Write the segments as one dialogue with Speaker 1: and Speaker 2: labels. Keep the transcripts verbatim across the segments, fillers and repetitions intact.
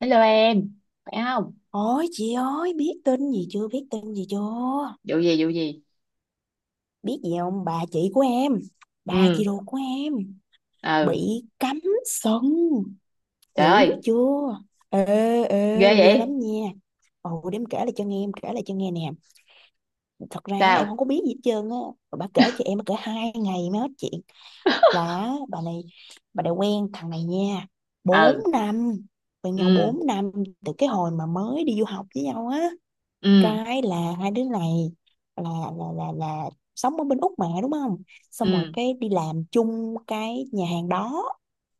Speaker 1: Hello em, phải không?
Speaker 2: Ôi chị ơi, biết tin gì chưa, biết tin gì chưa,
Speaker 1: Vụ gì, vụ gì?
Speaker 2: biết gì không? Bà chị của em, bà
Speaker 1: Ừ,
Speaker 2: chị ruột của em
Speaker 1: ừ,
Speaker 2: bị cấm sân,
Speaker 1: trời
Speaker 2: dữ
Speaker 1: ơi,
Speaker 2: chưa. ê
Speaker 1: ghê
Speaker 2: ê ghê
Speaker 1: vậy?
Speaker 2: lắm nha. Ồ, để em kể lại cho nghe, em kể lại cho nghe nè. Thật ra là em
Speaker 1: Sao?
Speaker 2: không có biết gì hết trơn á. Mà bà kể cho em, bà kể hai ngày mới hết chuyện. Là bà này bà này quen thằng này nha, bốn năm, quen nhau
Speaker 1: Ừ,
Speaker 2: bốn năm, từ cái hồi mà mới đi du học với nhau á.
Speaker 1: ừ,
Speaker 2: Cái là hai đứa này là là là là sống ở bên Úc mà đúng không. Xong rồi
Speaker 1: ừ,
Speaker 2: cái đi làm chung cái nhà hàng đó,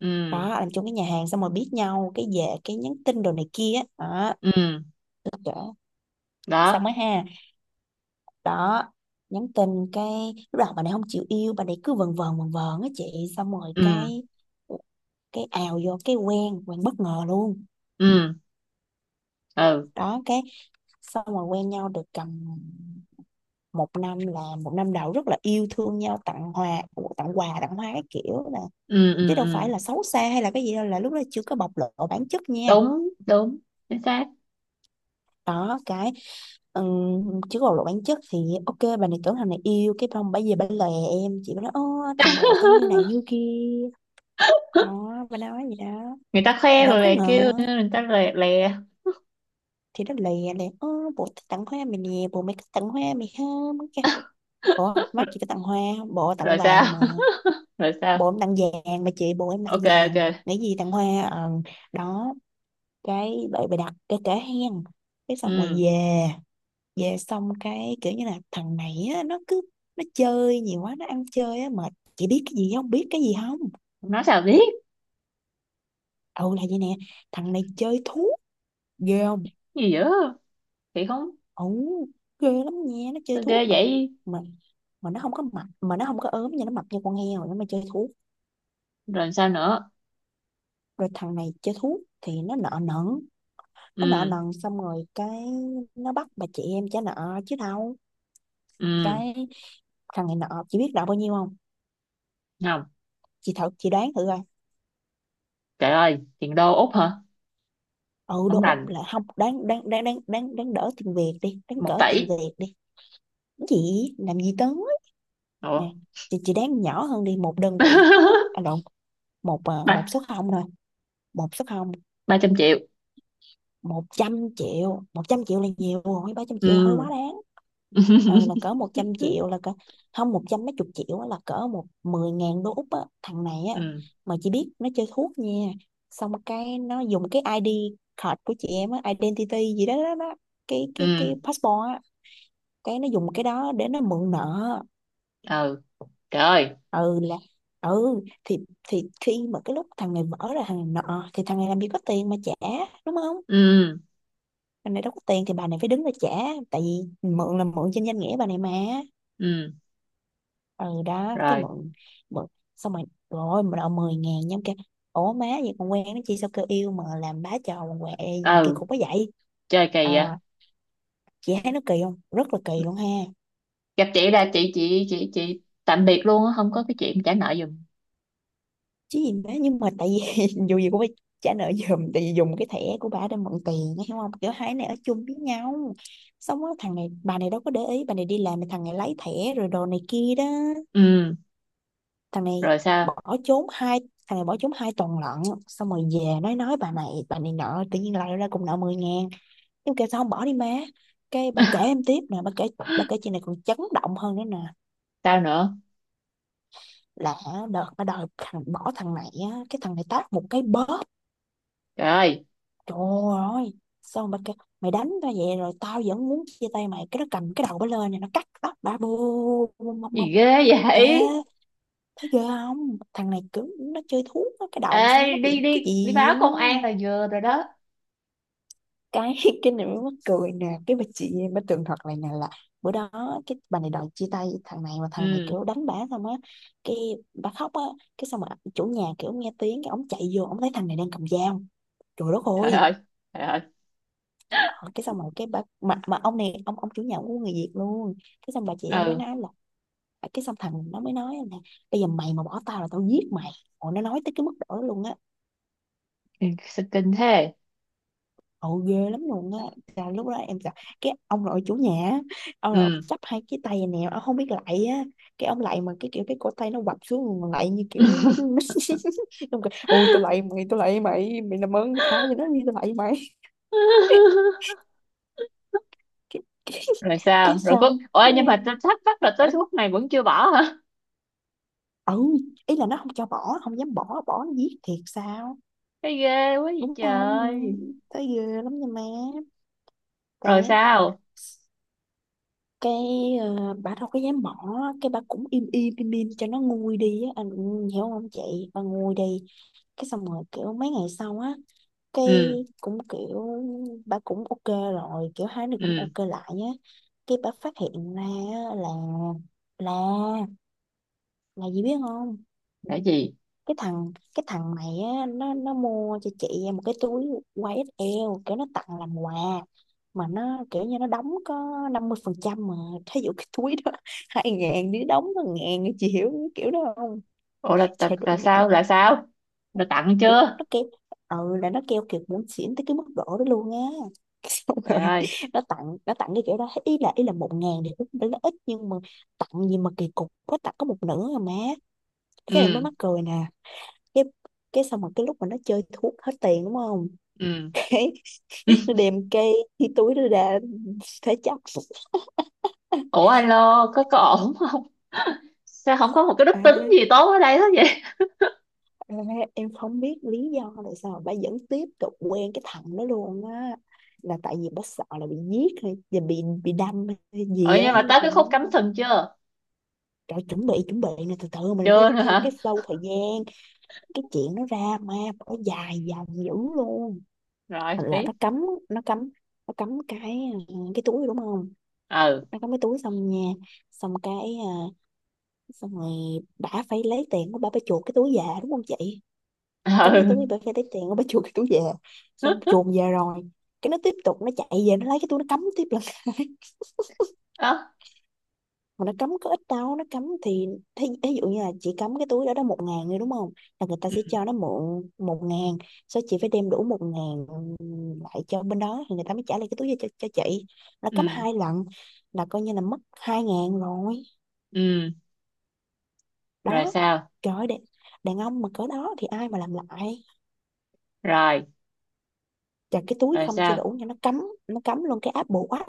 Speaker 1: ừ, ừ,
Speaker 2: đó làm chung cái nhà hàng xong rồi biết nhau, cái về cái nhắn tin đồ này kia đó.
Speaker 1: ừ,
Speaker 2: Là kể xong
Speaker 1: đó,
Speaker 2: mới ha, đó. Nhắn tin cái lúc đầu bà này không chịu yêu, bà này cứ vần vần vần vần á chị. Xong rồi
Speaker 1: ừ,
Speaker 2: cái cái ào vô cái quen quen bất ngờ luôn.
Speaker 1: ừ, ừ,
Speaker 2: Đó cái xong rồi quen nhau được cầm một năm, là một năm đầu rất là yêu thương nhau, tặng hoa tặng quà tặng hoa cái kiểu nè,
Speaker 1: ừ, ừ,
Speaker 2: chứ đâu phải
Speaker 1: ừ,
Speaker 2: là xấu xa hay là cái gì đâu, là lúc đó chưa có bộc lộ bản chất nha.
Speaker 1: đúng, đúng, chính xác.
Speaker 2: Đó cái, ừm, chưa có bộc lộ bản chất thì ok, bà này tưởng thằng này yêu, cái xong bà về bà lè em chị, bà nói ô thằng bồ tao như này như kia, đó bà nói gì đó.
Speaker 1: Người ta
Speaker 2: Thì
Speaker 1: khoe
Speaker 2: đâu
Speaker 1: rồi
Speaker 2: có
Speaker 1: lại kêu,
Speaker 2: ngờ,
Speaker 1: người ta lè, lè,
Speaker 2: thì nó lè lè ô bồ tao tặng hoa mày nè, bồ mày có tặng hoa mày không. Cái, ủa mắt chị có tặng hoa, bồ tặng
Speaker 1: rồi
Speaker 2: vàng
Speaker 1: sao?
Speaker 2: mà.
Speaker 1: Rồi sao?
Speaker 2: Bộ em tặng vàng mà chị, bộ em tặng
Speaker 1: Ok,
Speaker 2: vàng,
Speaker 1: ok,
Speaker 2: nghĩ gì tặng hoa, ờ, đó cái vậy bày đặt cái kể hen. Cái xong rồi
Speaker 1: ừ,
Speaker 2: về, về xong cái kiểu như là thằng này á, nó cứ nó chơi nhiều quá nó ăn chơi á mệt, chị biết cái gì không, biết cái gì không.
Speaker 1: nói sao biết,
Speaker 2: Ừ, là vậy nè, thằng này chơi thuốc, ghê không.
Speaker 1: gì dữ, thì không,
Speaker 2: Ừ, ghê lắm nha, nó chơi
Speaker 1: sao ghê
Speaker 2: thuốc mà
Speaker 1: vậy?
Speaker 2: mà mà nó không có mập, mà nó không có ốm nhưng nó mập như con heo nó mà chơi thuốc.
Speaker 1: Rồi sao nữa?
Speaker 2: Rồi thằng này chơi thuốc thì nó nợ nần, nó nợ
Speaker 1: Ừ,
Speaker 2: nần xong rồi cái nó bắt bà chị em trả nợ chứ đâu.
Speaker 1: ừ,
Speaker 2: Cái thằng này nợ, chị biết nợ bao nhiêu không.
Speaker 1: không.
Speaker 2: Chị thử chị đoán thử coi.
Speaker 1: Trời ơi, tiền đô Úc hả?
Speaker 2: Ừ,
Speaker 1: Không
Speaker 2: đô Úc
Speaker 1: rành,
Speaker 2: là không đáng đáng đáng đáng đáng đáng đỡ, tiền Việt đi, đáng
Speaker 1: một
Speaker 2: cỡ tiền
Speaker 1: tỷ.
Speaker 2: Việt đi. Cái gì làm gì tới nè,
Speaker 1: Ủa?
Speaker 2: chị chị đoán nhỏ hơn đi một đơn vị. À lộn, một ờ, một
Speaker 1: Ba,
Speaker 2: số không thôi, một số không.
Speaker 1: ba trăm triệu.
Speaker 2: Một trăm triệu, một trăm triệu là nhiều rồi, ba trăm triệu hơi
Speaker 1: Ừ.
Speaker 2: quá đáng. Ờ, là cỡ một trăm
Speaker 1: Ừ.
Speaker 2: triệu là cỡ, không một trăm mấy chục triệu á, là cỡ một mười ngàn đô Úc á. Thằng này á,
Speaker 1: Ừ.
Speaker 2: mà chỉ biết nó chơi thuốc nha. Xong cái nó dùng cái i đê card của chị em á, identity gì đó, đó, đó. cái cái cái
Speaker 1: Ừ.
Speaker 2: passport á, cái nó dùng cái đó để nó mượn nợ.
Speaker 1: Trời ơi.
Speaker 2: Ừ là, ừ thì thì khi mà cái lúc thằng này vỡ ra, thằng này nợ thì thằng này làm gì có tiền mà trả, đúng không.
Speaker 1: Ừ.
Speaker 2: Bà này đâu có tiền thì bà này phải đứng ra trả, tại vì mượn là mượn trên danh nghĩa bà này mà.
Speaker 1: Ừ.
Speaker 2: Ừ, đó cái
Speaker 1: Rồi.
Speaker 2: mượn mượn xong rồi rồi mà đòi 10 ngàn nhóm kêu, ủa má, vậy còn quen nó chi, sao kêu yêu mà làm bá trò quậy gì kỳ
Speaker 1: Ừ.
Speaker 2: cục quá vậy.
Speaker 1: Chơi kỳ vậy.
Speaker 2: À, chị thấy nó kỳ không, rất là kỳ luôn ha.
Speaker 1: Gặp chị là chị, chị, chị, chị tạm biệt luôn á. Không có cái chuyện trả nợ giùm.
Speaker 2: Chứ gì má, nhưng mà tại vì dù gì cũng phải trả nợ giùm, tại vì dùng cái thẻ của bà để mượn tiền hiểu không, kiểu hai này ở chung với nhau, xong đó, thằng này bà này đâu có để ý, bà này đi làm thì thằng này lấy thẻ rồi đồ này kia đó.
Speaker 1: Ừ.
Speaker 2: thằng này
Speaker 1: Rồi sao?
Speaker 2: bỏ trốn hai Thằng này bỏ trốn hai tuần lận, xong rồi về nói nói bà này, bà này nợ, tự nhiên lại ra cùng nợ mười ngàn. Em kêu sao không bỏ đi má. Cái bà kể em tiếp nè, bà kể. Bà kể chuyện này còn chấn động hơn nữa nè.
Speaker 1: Sao nữa?
Speaker 2: Là đợt bà đòi thằng bỏ thằng này á, cái thằng này tát một cái bóp,
Speaker 1: Trời ơi.
Speaker 2: trời ơi. Xong bà kêu mày đánh tao vậy rồi tao vẫn muốn chia tay mày, cái nó cầm cái đầu bà lên này, nó cắt tóc bà bù bù- bù-
Speaker 1: Gì
Speaker 2: bù-
Speaker 1: ghê
Speaker 2: Ê,
Speaker 1: vậy?
Speaker 2: thấy ghê không? Thằng này cứ nó chơi thuốc á, cái đầu xong
Speaker 1: Ê,
Speaker 2: nó
Speaker 1: đi,
Speaker 2: bị cái
Speaker 1: đi, đi
Speaker 2: gì
Speaker 1: báo
Speaker 2: á.
Speaker 1: công an là vừa rồi đó.
Speaker 2: cái cái này mới mắc cười nè, cái bà chị em bà tường thuật lại nè là bữa đó, cái bà này đòi chia tay thằng này mà thằng này
Speaker 1: Ừ.
Speaker 2: kiểu đánh bả xong á, cái bà khóc á, cái xong mà chủ nhà kiểu nghe tiếng, cái ông chạy vô ông thấy thằng này đang cầm dao, trời đất
Speaker 1: Trời
Speaker 2: ơi.
Speaker 1: ơi. Trời ơi.
Speaker 2: Ờ, cái xong rồi cái bà mà mà ông này ông ông chủ nhà cũng của người Việt luôn. Cái xong bà chị em mới
Speaker 1: Ừ,
Speaker 2: nói là, cái xong thằng nó mới nói là bây giờ mày mà bỏ tao là tao giết mày. Ồ, nó nói tới cái mức độ đó luôn á,
Speaker 1: kinh thế.
Speaker 2: ồ ghê lắm luôn á, là lúc đó em sợ. Cái ông nội chủ nhà á, ông nội
Speaker 1: Ừ.
Speaker 2: chắp hai cái tay này nè, ông không biết lạy á, cái ông lạy mà cái kiểu cái cổ tay nó quặp xuống mà lạy như kiểu mấy đứa nít. Ông kêu ôi tôi lạy mày, tôi lạy mày, mày làm ơn mày tha cho nó đi, tôi lạy mày. cái, cái,
Speaker 1: Rồi
Speaker 2: cái
Speaker 1: sao rồi? Có,
Speaker 2: sao.
Speaker 1: ôi nhưng mà tôi thắc mắc là tới lúc này vẫn chưa bỏ hả?
Speaker 2: Ừ, ý là nó không cho bỏ, không dám bỏ, bỏ nó giết thiệt sao,
Speaker 1: Cái ghê quá vậy
Speaker 2: đúng không.
Speaker 1: trời.
Speaker 2: Thấy ghê lắm nha má. cái
Speaker 1: Rồi sao?
Speaker 2: cái ờ, bà đâu có dám bỏ, cái bà cũng im im im im cho nó nguôi đi á anh, hiểu không chị, bà nguôi đi. Cái xong rồi kiểu mấy ngày sau á, cái
Speaker 1: Ừ,
Speaker 2: cũng kiểu bà cũng ok rồi, kiểu hai đứa cũng
Speaker 1: ừ,
Speaker 2: ok lại nhá. Cái bà phát hiện ra á là, là là gì biết không.
Speaker 1: là gì?
Speaker 2: Cái thằng cái thằng này á nó nó mua cho chị một cái túi y ét lờ kiểu nó tặng làm quà, mà nó kiểu như nó đóng có năm mươi phần trăm mà, thí dụ cái túi đó hai ngàn, đứa đóng có ngàn, chị hiểu cái kiểu đó không.
Speaker 1: Ủa, là, là,
Speaker 2: Trời đất
Speaker 1: là
Speaker 2: mẹ,
Speaker 1: sao là sao? Là tặng
Speaker 2: kiểu
Speaker 1: chưa?
Speaker 2: nó kêu, ừ là nó kêu kiểu muốn xỉn tới cái mức độ đó luôn á. Xong
Speaker 1: Trời
Speaker 2: rồi
Speaker 1: ơi.
Speaker 2: nó tặng nó tặng cái kiểu đó, ý là ý là một ngàn thì cũng đã là ít nhưng mà tặng gì mà kỳ cục có tặng có một nửa rồi má. Cái này mới
Speaker 1: Ừ,
Speaker 2: mắc cười nè, cái cái xong rồi cái lúc mà nó chơi thuốc hết tiền, đúng không.
Speaker 1: ừ.
Speaker 2: Cái nó đem cây cái túi nó ra thế chấp.
Speaker 1: Ủa alo, có có ổn không? Sao không có một cái đức tính gì
Speaker 2: Ê,
Speaker 1: tốt ở đây hết vậy?
Speaker 2: ê, em không biết lý do tại sao bà vẫn tiếp tục quen cái thằng đó luôn á, là tại vì bà sợ là bị giết hay và bị bị đâm hay
Speaker 1: Ừ,
Speaker 2: gì á
Speaker 1: nhưng mà
Speaker 2: nên
Speaker 1: tới
Speaker 2: là
Speaker 1: cái khúc
Speaker 2: nó
Speaker 1: cắm
Speaker 2: đó.
Speaker 1: sừng chưa?
Speaker 2: Rồi chuẩn bị, chuẩn bị nè, từ từ mình phải
Speaker 1: Chưa nữa
Speaker 2: theo
Speaker 1: hả?
Speaker 2: cái flow thời gian, cái chuyện nó ra mà nó dài dòng dữ luôn.
Speaker 1: Rồi
Speaker 2: Thành là
Speaker 1: tiếp.
Speaker 2: nó cấm, nó cấm nó cấm cái ờ, cái túi đúng không.
Speaker 1: Ừ,
Speaker 2: Nó cấm cái túi xong nha, xong cái ờ, xong rồi bà phải lấy tiền của bà phải chuộc cái túi về đúng không chị. Cắm cái
Speaker 1: ừ.
Speaker 2: túi, bà phải lấy tiền của bà chuột cái túi về, xong chuồn về rồi. Cái nó tiếp tục nó chạy về nó lấy cái túi nó cắm tiếp lần,
Speaker 1: Đó.
Speaker 2: mà nó cắm có ít đâu, nó cắm thì thí, thí dụ như là chị cắm cái túi đó đó một ngàn rồi đúng không, là người ta sẽ
Speaker 1: Ừ,
Speaker 2: cho nó mượn một ngàn, sau chị phải đem đủ một ngàn lại cho bên đó thì người ta mới trả lại cái túi cho, cho, cho chị. Nó cắm
Speaker 1: ừ,
Speaker 2: hai lần là coi như là mất hai ngàn rồi
Speaker 1: ừ. Rồi
Speaker 2: đó.
Speaker 1: sao?
Speaker 2: Trời ơi, đàn, đàn ông mà cỡ đó thì ai mà làm lại.
Speaker 1: Rồi,
Speaker 2: Chặt cái túi
Speaker 1: rồi
Speaker 2: không chưa
Speaker 1: sao?
Speaker 2: đủ nha, nó cắm nó cắm luôn cái áp bộ quá.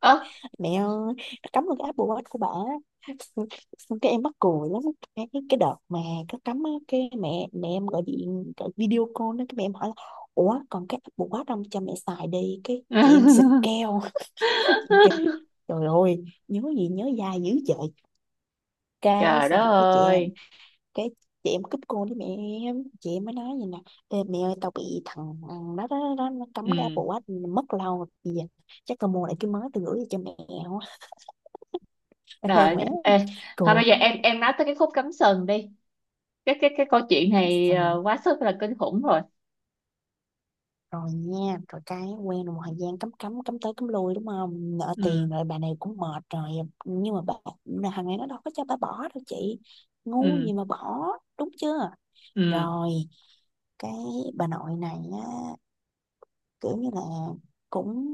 Speaker 1: Ớ.
Speaker 2: Mẹ ơi, nó cắm vào cái Apple Watch của bà á. Xong. Xong cái em mắc cười lắm. Cái cái cái đợt mà nó cấm á, cái mẹ mẹ em gọi điện, gọi video call đó, cái mẹ em hỏi là ủa còn cái Apple Watch không cho mẹ xài đi, cái chị em xịt keo. Chị em kêu, trời ơi, nhớ gì nhớ dai dữ trời. Cái
Speaker 1: Trời đất
Speaker 2: xong rồi cái chị em,
Speaker 1: ơi.
Speaker 2: cái chị em cúp cô với mẹ em, chị em mới nói vậy nè: Ê, mẹ ơi tao bị thằng đó, đó, đó, nó cấm cái Apple
Speaker 1: Ừ.
Speaker 2: Watch mất lâu rồi. Bây giờ chắc tao mua lại cái mới tao gửi cho mẹ. Quá.
Speaker 1: Rồi. Ê, thôi bây
Speaker 2: Cược.
Speaker 1: giờ em em nói tới cái khúc cắm sừng đi. Cái cái cái câu chuyện
Speaker 2: Cắm
Speaker 1: này
Speaker 2: sừng.
Speaker 1: ờ, quá sức là kinh khủng rồi.
Speaker 2: Rồi nha, rồi cái quen được một thời gian cắm cắm cắm tới cắm lui, đúng không, nợ
Speaker 1: Ừ,
Speaker 2: tiền rồi bà này cũng mệt rồi. Nhưng mà bà, là thằng này nó đâu có cho bà bỏ đâu chị, ngu
Speaker 1: ừ,
Speaker 2: gì mà bỏ. Đúng chưa.
Speaker 1: ừ,
Speaker 2: Rồi cái bà nội này á, kiểu như là cũng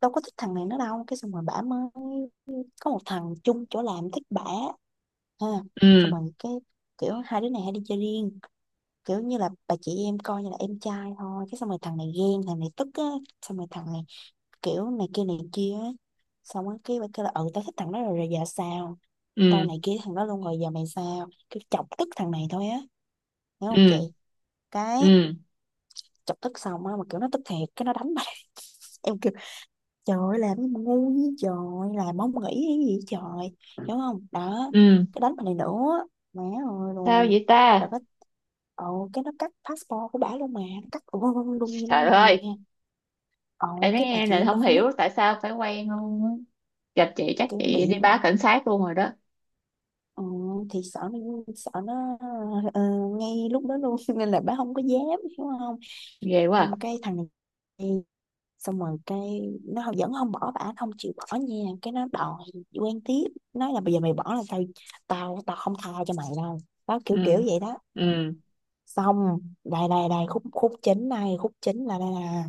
Speaker 2: đâu có thích thằng này nữa đâu. Cái xong rồi bả mới có một thằng chung chỗ làm thích bả, ha. Xong
Speaker 1: ừ,
Speaker 2: rồi cái kiểu hai đứa này hay đi chơi riêng, kiểu như là bà chị em coi như là em trai thôi. Cái xong rồi thằng này ghen, thằng này tức á. Xong rồi thằng này kiểu này kia này kia á. Xong á cái bà kêu là ừ tao thích thằng đó rồi, rồi giờ sao, tao
Speaker 1: ừ,
Speaker 2: này kia thằng đó luôn, rồi giờ mày sao, kiểu chọc tức thằng này thôi á. Hiểu không chị.
Speaker 1: ừ,
Speaker 2: Cái
Speaker 1: ừ,
Speaker 2: chọc tức xong á, mà kiểu nó tức thiệt, cái nó đánh bà. Em, trời ơi, làm cái mà ngu với trời. Làm không nghĩ cái gì vậy trời. Hiểu không? Đó.
Speaker 1: ừ.
Speaker 2: Cái đánh mình này nữa, mẹ ơi
Speaker 1: Sao
Speaker 2: luôn.
Speaker 1: vậy
Speaker 2: Rồi
Speaker 1: ta?
Speaker 2: cái ồ, cái nó cắt passport của bả luôn mà. Nó cắt luôn luôn luôn như
Speaker 1: Trời
Speaker 2: luôn nè.
Speaker 1: ơi. Em
Speaker 2: Ồ,
Speaker 1: nói
Speaker 2: cái bà
Speaker 1: nghe
Speaker 2: chị
Speaker 1: là
Speaker 2: em bà
Speaker 1: không
Speaker 2: phải mất,
Speaker 1: hiểu tại sao phải quen luôn á. Gặp chị chắc
Speaker 2: kiểu
Speaker 1: chị đi
Speaker 2: bị,
Speaker 1: báo cảnh sát luôn rồi đó.
Speaker 2: ừ, thì sợ nó, sợ nó, ờ, ngay lúc đó luôn. Nên là bà không có dám. Hiểu không?
Speaker 1: Ghê quá
Speaker 2: Xong
Speaker 1: à.
Speaker 2: cái thằng này, xong rồi cái nó không- vẫn không bỏ bả, không chịu bỏ nha, cái nó đòi quen tiếp, nói là bây giờ mày bỏ là tao, tao tao không tha cho mày đâu, đó kiểu kiểu
Speaker 1: Ừ,
Speaker 2: vậy đó.
Speaker 1: ừ,
Speaker 2: Xong đây đây đây khúc, khúc chính này, khúc chính là đây, là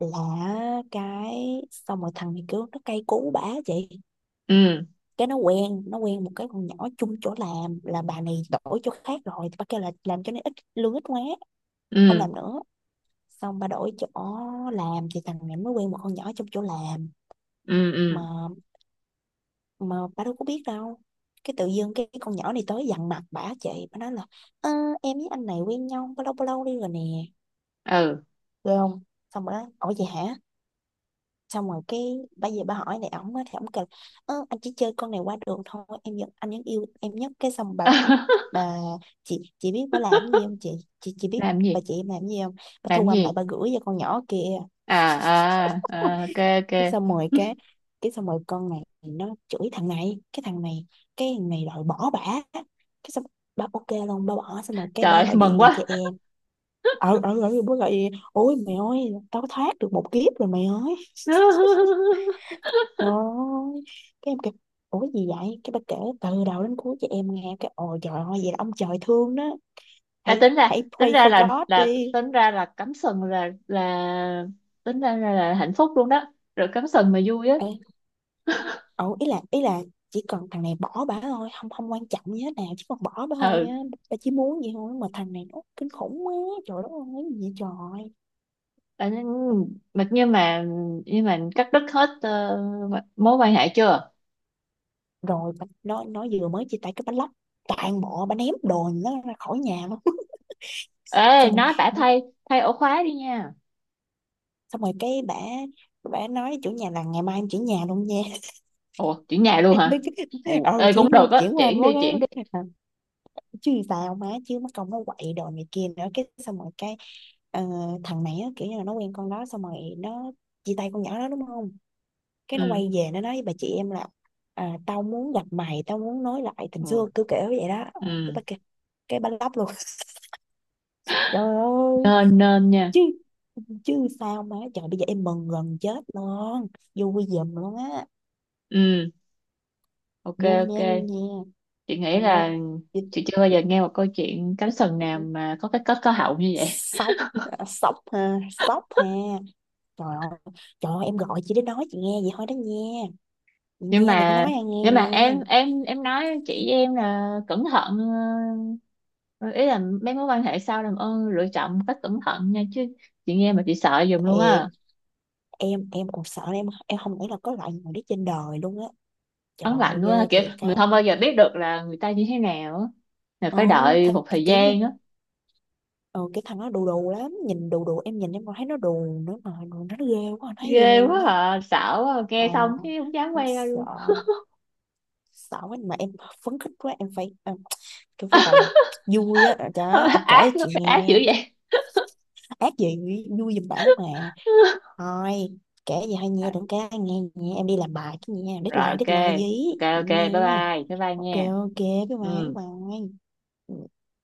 Speaker 2: là cái xong rồi thằng này kiểu nó cay cú bả chị.
Speaker 1: ừ,
Speaker 2: Cái nó quen, nó quen một cái con nhỏ chung chỗ làm, là bà này đổi chỗ khác rồi thì bà kêu là làm cho nó ít lương, ít quá không
Speaker 1: ừ,
Speaker 2: làm nữa, xong bà đổi chỗ làm, thì thằng này mới quen một con nhỏ trong chỗ làm
Speaker 1: ừ,
Speaker 2: mà
Speaker 1: ừ,
Speaker 2: mà bà đâu có biết đâu. Cái tự dưng cái cái con nhỏ này tới dằn mặt bả chị, bả nói là "Ơ, em với anh này quen nhau bao lâu bao lâu đi rồi nè,
Speaker 1: ừ.
Speaker 2: được không". Xong rồi nói ủa vậy hả. Xong rồi cái bây giờ bà hỏi này ổng á, thì ổng kêu ơ, anh chỉ chơi con này qua đường thôi, em vẫn, anh vẫn yêu em nhất. Cái xong bà bà chị chị biết bà làm cái gì không chị chị chị biết
Speaker 1: Làm
Speaker 2: bà
Speaker 1: gì,
Speaker 2: chị em làm cái gì không, bà
Speaker 1: làm
Speaker 2: thu âm lại
Speaker 1: gì?
Speaker 2: bà gửi cho con nhỏ kìa.
Speaker 1: À, à, à ok,
Speaker 2: Cái
Speaker 1: ok.
Speaker 2: xong rồi cái cái xong rồi con này nó chửi thằng này, cái thằng này, cái thằng này đòi bỏ bả. Cái xong ba ok luôn, ba bỏ, xong rồi cái ba
Speaker 1: Trời
Speaker 2: gọi
Speaker 1: mừng
Speaker 2: điện về cho
Speaker 1: quá.
Speaker 2: em. Ờ ờ ờ bố gọi điện, ôi mày ơi tao thoát được một kiếp rồi mày ơi. Trời ơi. Cái em kêu ủa gì vậy, cái ba kể từ đầu đến cuối cho em nghe, cái ồ trời ơi, vậy là ông trời thương đó,
Speaker 1: À,
Speaker 2: hãy
Speaker 1: tính
Speaker 2: hãy
Speaker 1: ra tính
Speaker 2: pray
Speaker 1: ra
Speaker 2: for
Speaker 1: là
Speaker 2: God
Speaker 1: là
Speaker 2: đi.
Speaker 1: tính ra là cắm sừng, là là tính ra là, là hạnh phúc luôn đó. Rồi cắm sừng mà vui á.
Speaker 2: Ờ, ừ, ý là ý là chỉ cần thằng này bỏ bả thôi, không không quan trọng gì hết nào, chỉ cần bỏ bả thôi
Speaker 1: Ừ,
Speaker 2: á. Bà chỉ muốn vậy thôi, mà thằng này nó kinh khủng quá. Trời đất ơi cái gì vậy trời.
Speaker 1: à, nhưng- mà nhưng mà nhưng mà cắt đứt hết ờ, mối quan hệ chưa?
Speaker 2: Rồi bà, nó nó vừa mới chia tay, cái bánh lóc toàn bộ, bà ném đồ nó ra khỏi nhà luôn.
Speaker 1: Ê,
Speaker 2: Xong rồi
Speaker 1: nó đã
Speaker 2: bà,
Speaker 1: thay thay ổ khóa đi nha.
Speaker 2: xong rồi cái bà bà nói chủ nhà là ngày mai em chuyển nhà luôn nha.
Speaker 1: Ủa chuyển nhà luôn hả?
Speaker 2: Tức-
Speaker 1: Ồ,
Speaker 2: ừ,
Speaker 1: ê cũng
Speaker 2: chuyển luôn,
Speaker 1: được á,
Speaker 2: chuyển qua Anh
Speaker 1: chuyển đi
Speaker 2: Quốc á.
Speaker 1: chuyển đi.
Speaker 2: Chứ sao má, chứ mất công nó quậy đồ này kia nữa. Cái xong rồi cái, ờ, thằng này á, kiểu như là nó quen con đó xong rồi nó chia tay con nhỏ đó đúng không, cái nó
Speaker 1: Ừ,
Speaker 2: quay về nó nói với bà chị em là à, tao muốn gặp mày, tao muốn nói lại tình
Speaker 1: ừ,
Speaker 2: xưa, cứ kiểu vậy đó. Ờ, cái
Speaker 1: ừ,
Speaker 2: bà kia, cái bà lóc luôn. Trời ơi.
Speaker 1: nên nên nha.
Speaker 2: Chứ, chứ sao má trời, bây giờ em mừng gần chết luôn, vui giùm luôn á.
Speaker 1: Ừ, ok,
Speaker 2: Vui
Speaker 1: ok,
Speaker 2: nha, vui nha.
Speaker 1: chị nghĩ
Speaker 2: Ôi
Speaker 1: là
Speaker 2: chị-,
Speaker 1: chị chưa bao giờ nghe một câu chuyện cánh sừng nào mà có cái kết có hậu như vậy.
Speaker 2: sốc, sốc ha, sốc ha. Trời ơi, trời ơi, em gọi chị để nói chị nghe vậy thôi đó nha. Chị
Speaker 1: nhưng
Speaker 2: nha, đừng có
Speaker 1: mà
Speaker 2: nói ai nghe
Speaker 1: nhưng mà
Speaker 2: nha.
Speaker 1: em em em nói chị em là cẩn thận. ờ, Ý là mấy mối quan hệ sau làm ơn lựa chọn một cách cẩn thận nha chứ. Chị nghe mà chị sợ giùm luôn
Speaker 2: Thiệt,
Speaker 1: á.
Speaker 2: em em còn sợ, em em không nghĩ là có loại người đó trên đời luôn á. Trời
Speaker 1: Ấn
Speaker 2: ơi,
Speaker 1: lạnh
Speaker 2: ghê
Speaker 1: quá, kiểu
Speaker 2: thiệt á.
Speaker 1: mình không bao giờ biết được là người ta như thế nào á. Là
Speaker 2: Ừ,
Speaker 1: phải
Speaker 2: th-,
Speaker 1: đợi một thời
Speaker 2: kiểu như,
Speaker 1: gian á.
Speaker 2: ừ, cái thằng đó đù đù lắm, nhìn đù đù, em nhìn em còn thấy nó đù nữa, mà nó ghê quá, nó thấy
Speaker 1: Ghê
Speaker 2: ghê luôn
Speaker 1: quá
Speaker 2: á.
Speaker 1: à, sợ quá à.
Speaker 2: Ờ,
Speaker 1: Nghe xong cái không dám
Speaker 2: em
Speaker 1: quay ra
Speaker 2: sợ,
Speaker 1: luôn.
Speaker 2: sợ quá mà em, phấn khích quá em phải em, em phải gọi là vui á đó em kể
Speaker 1: Ác
Speaker 2: cho
Speaker 1: lắm,
Speaker 2: chị
Speaker 1: ác dữ
Speaker 2: nghe.
Speaker 1: vậy.
Speaker 2: Ác gì, vui giùm bả mà. Thôi, kể gì hay nghe, đừng, cái nghe, nghe em đi làm bài chứ, nghe
Speaker 1: Rồi
Speaker 2: deadline
Speaker 1: ok,
Speaker 2: deadline gì.
Speaker 1: ok
Speaker 2: Vậy
Speaker 1: ok, bye
Speaker 2: nghe.
Speaker 1: bye, bye bye
Speaker 2: Ok,
Speaker 1: nha.
Speaker 2: ok, bye bye, bye
Speaker 1: Ừ.
Speaker 2: bye. Ừ.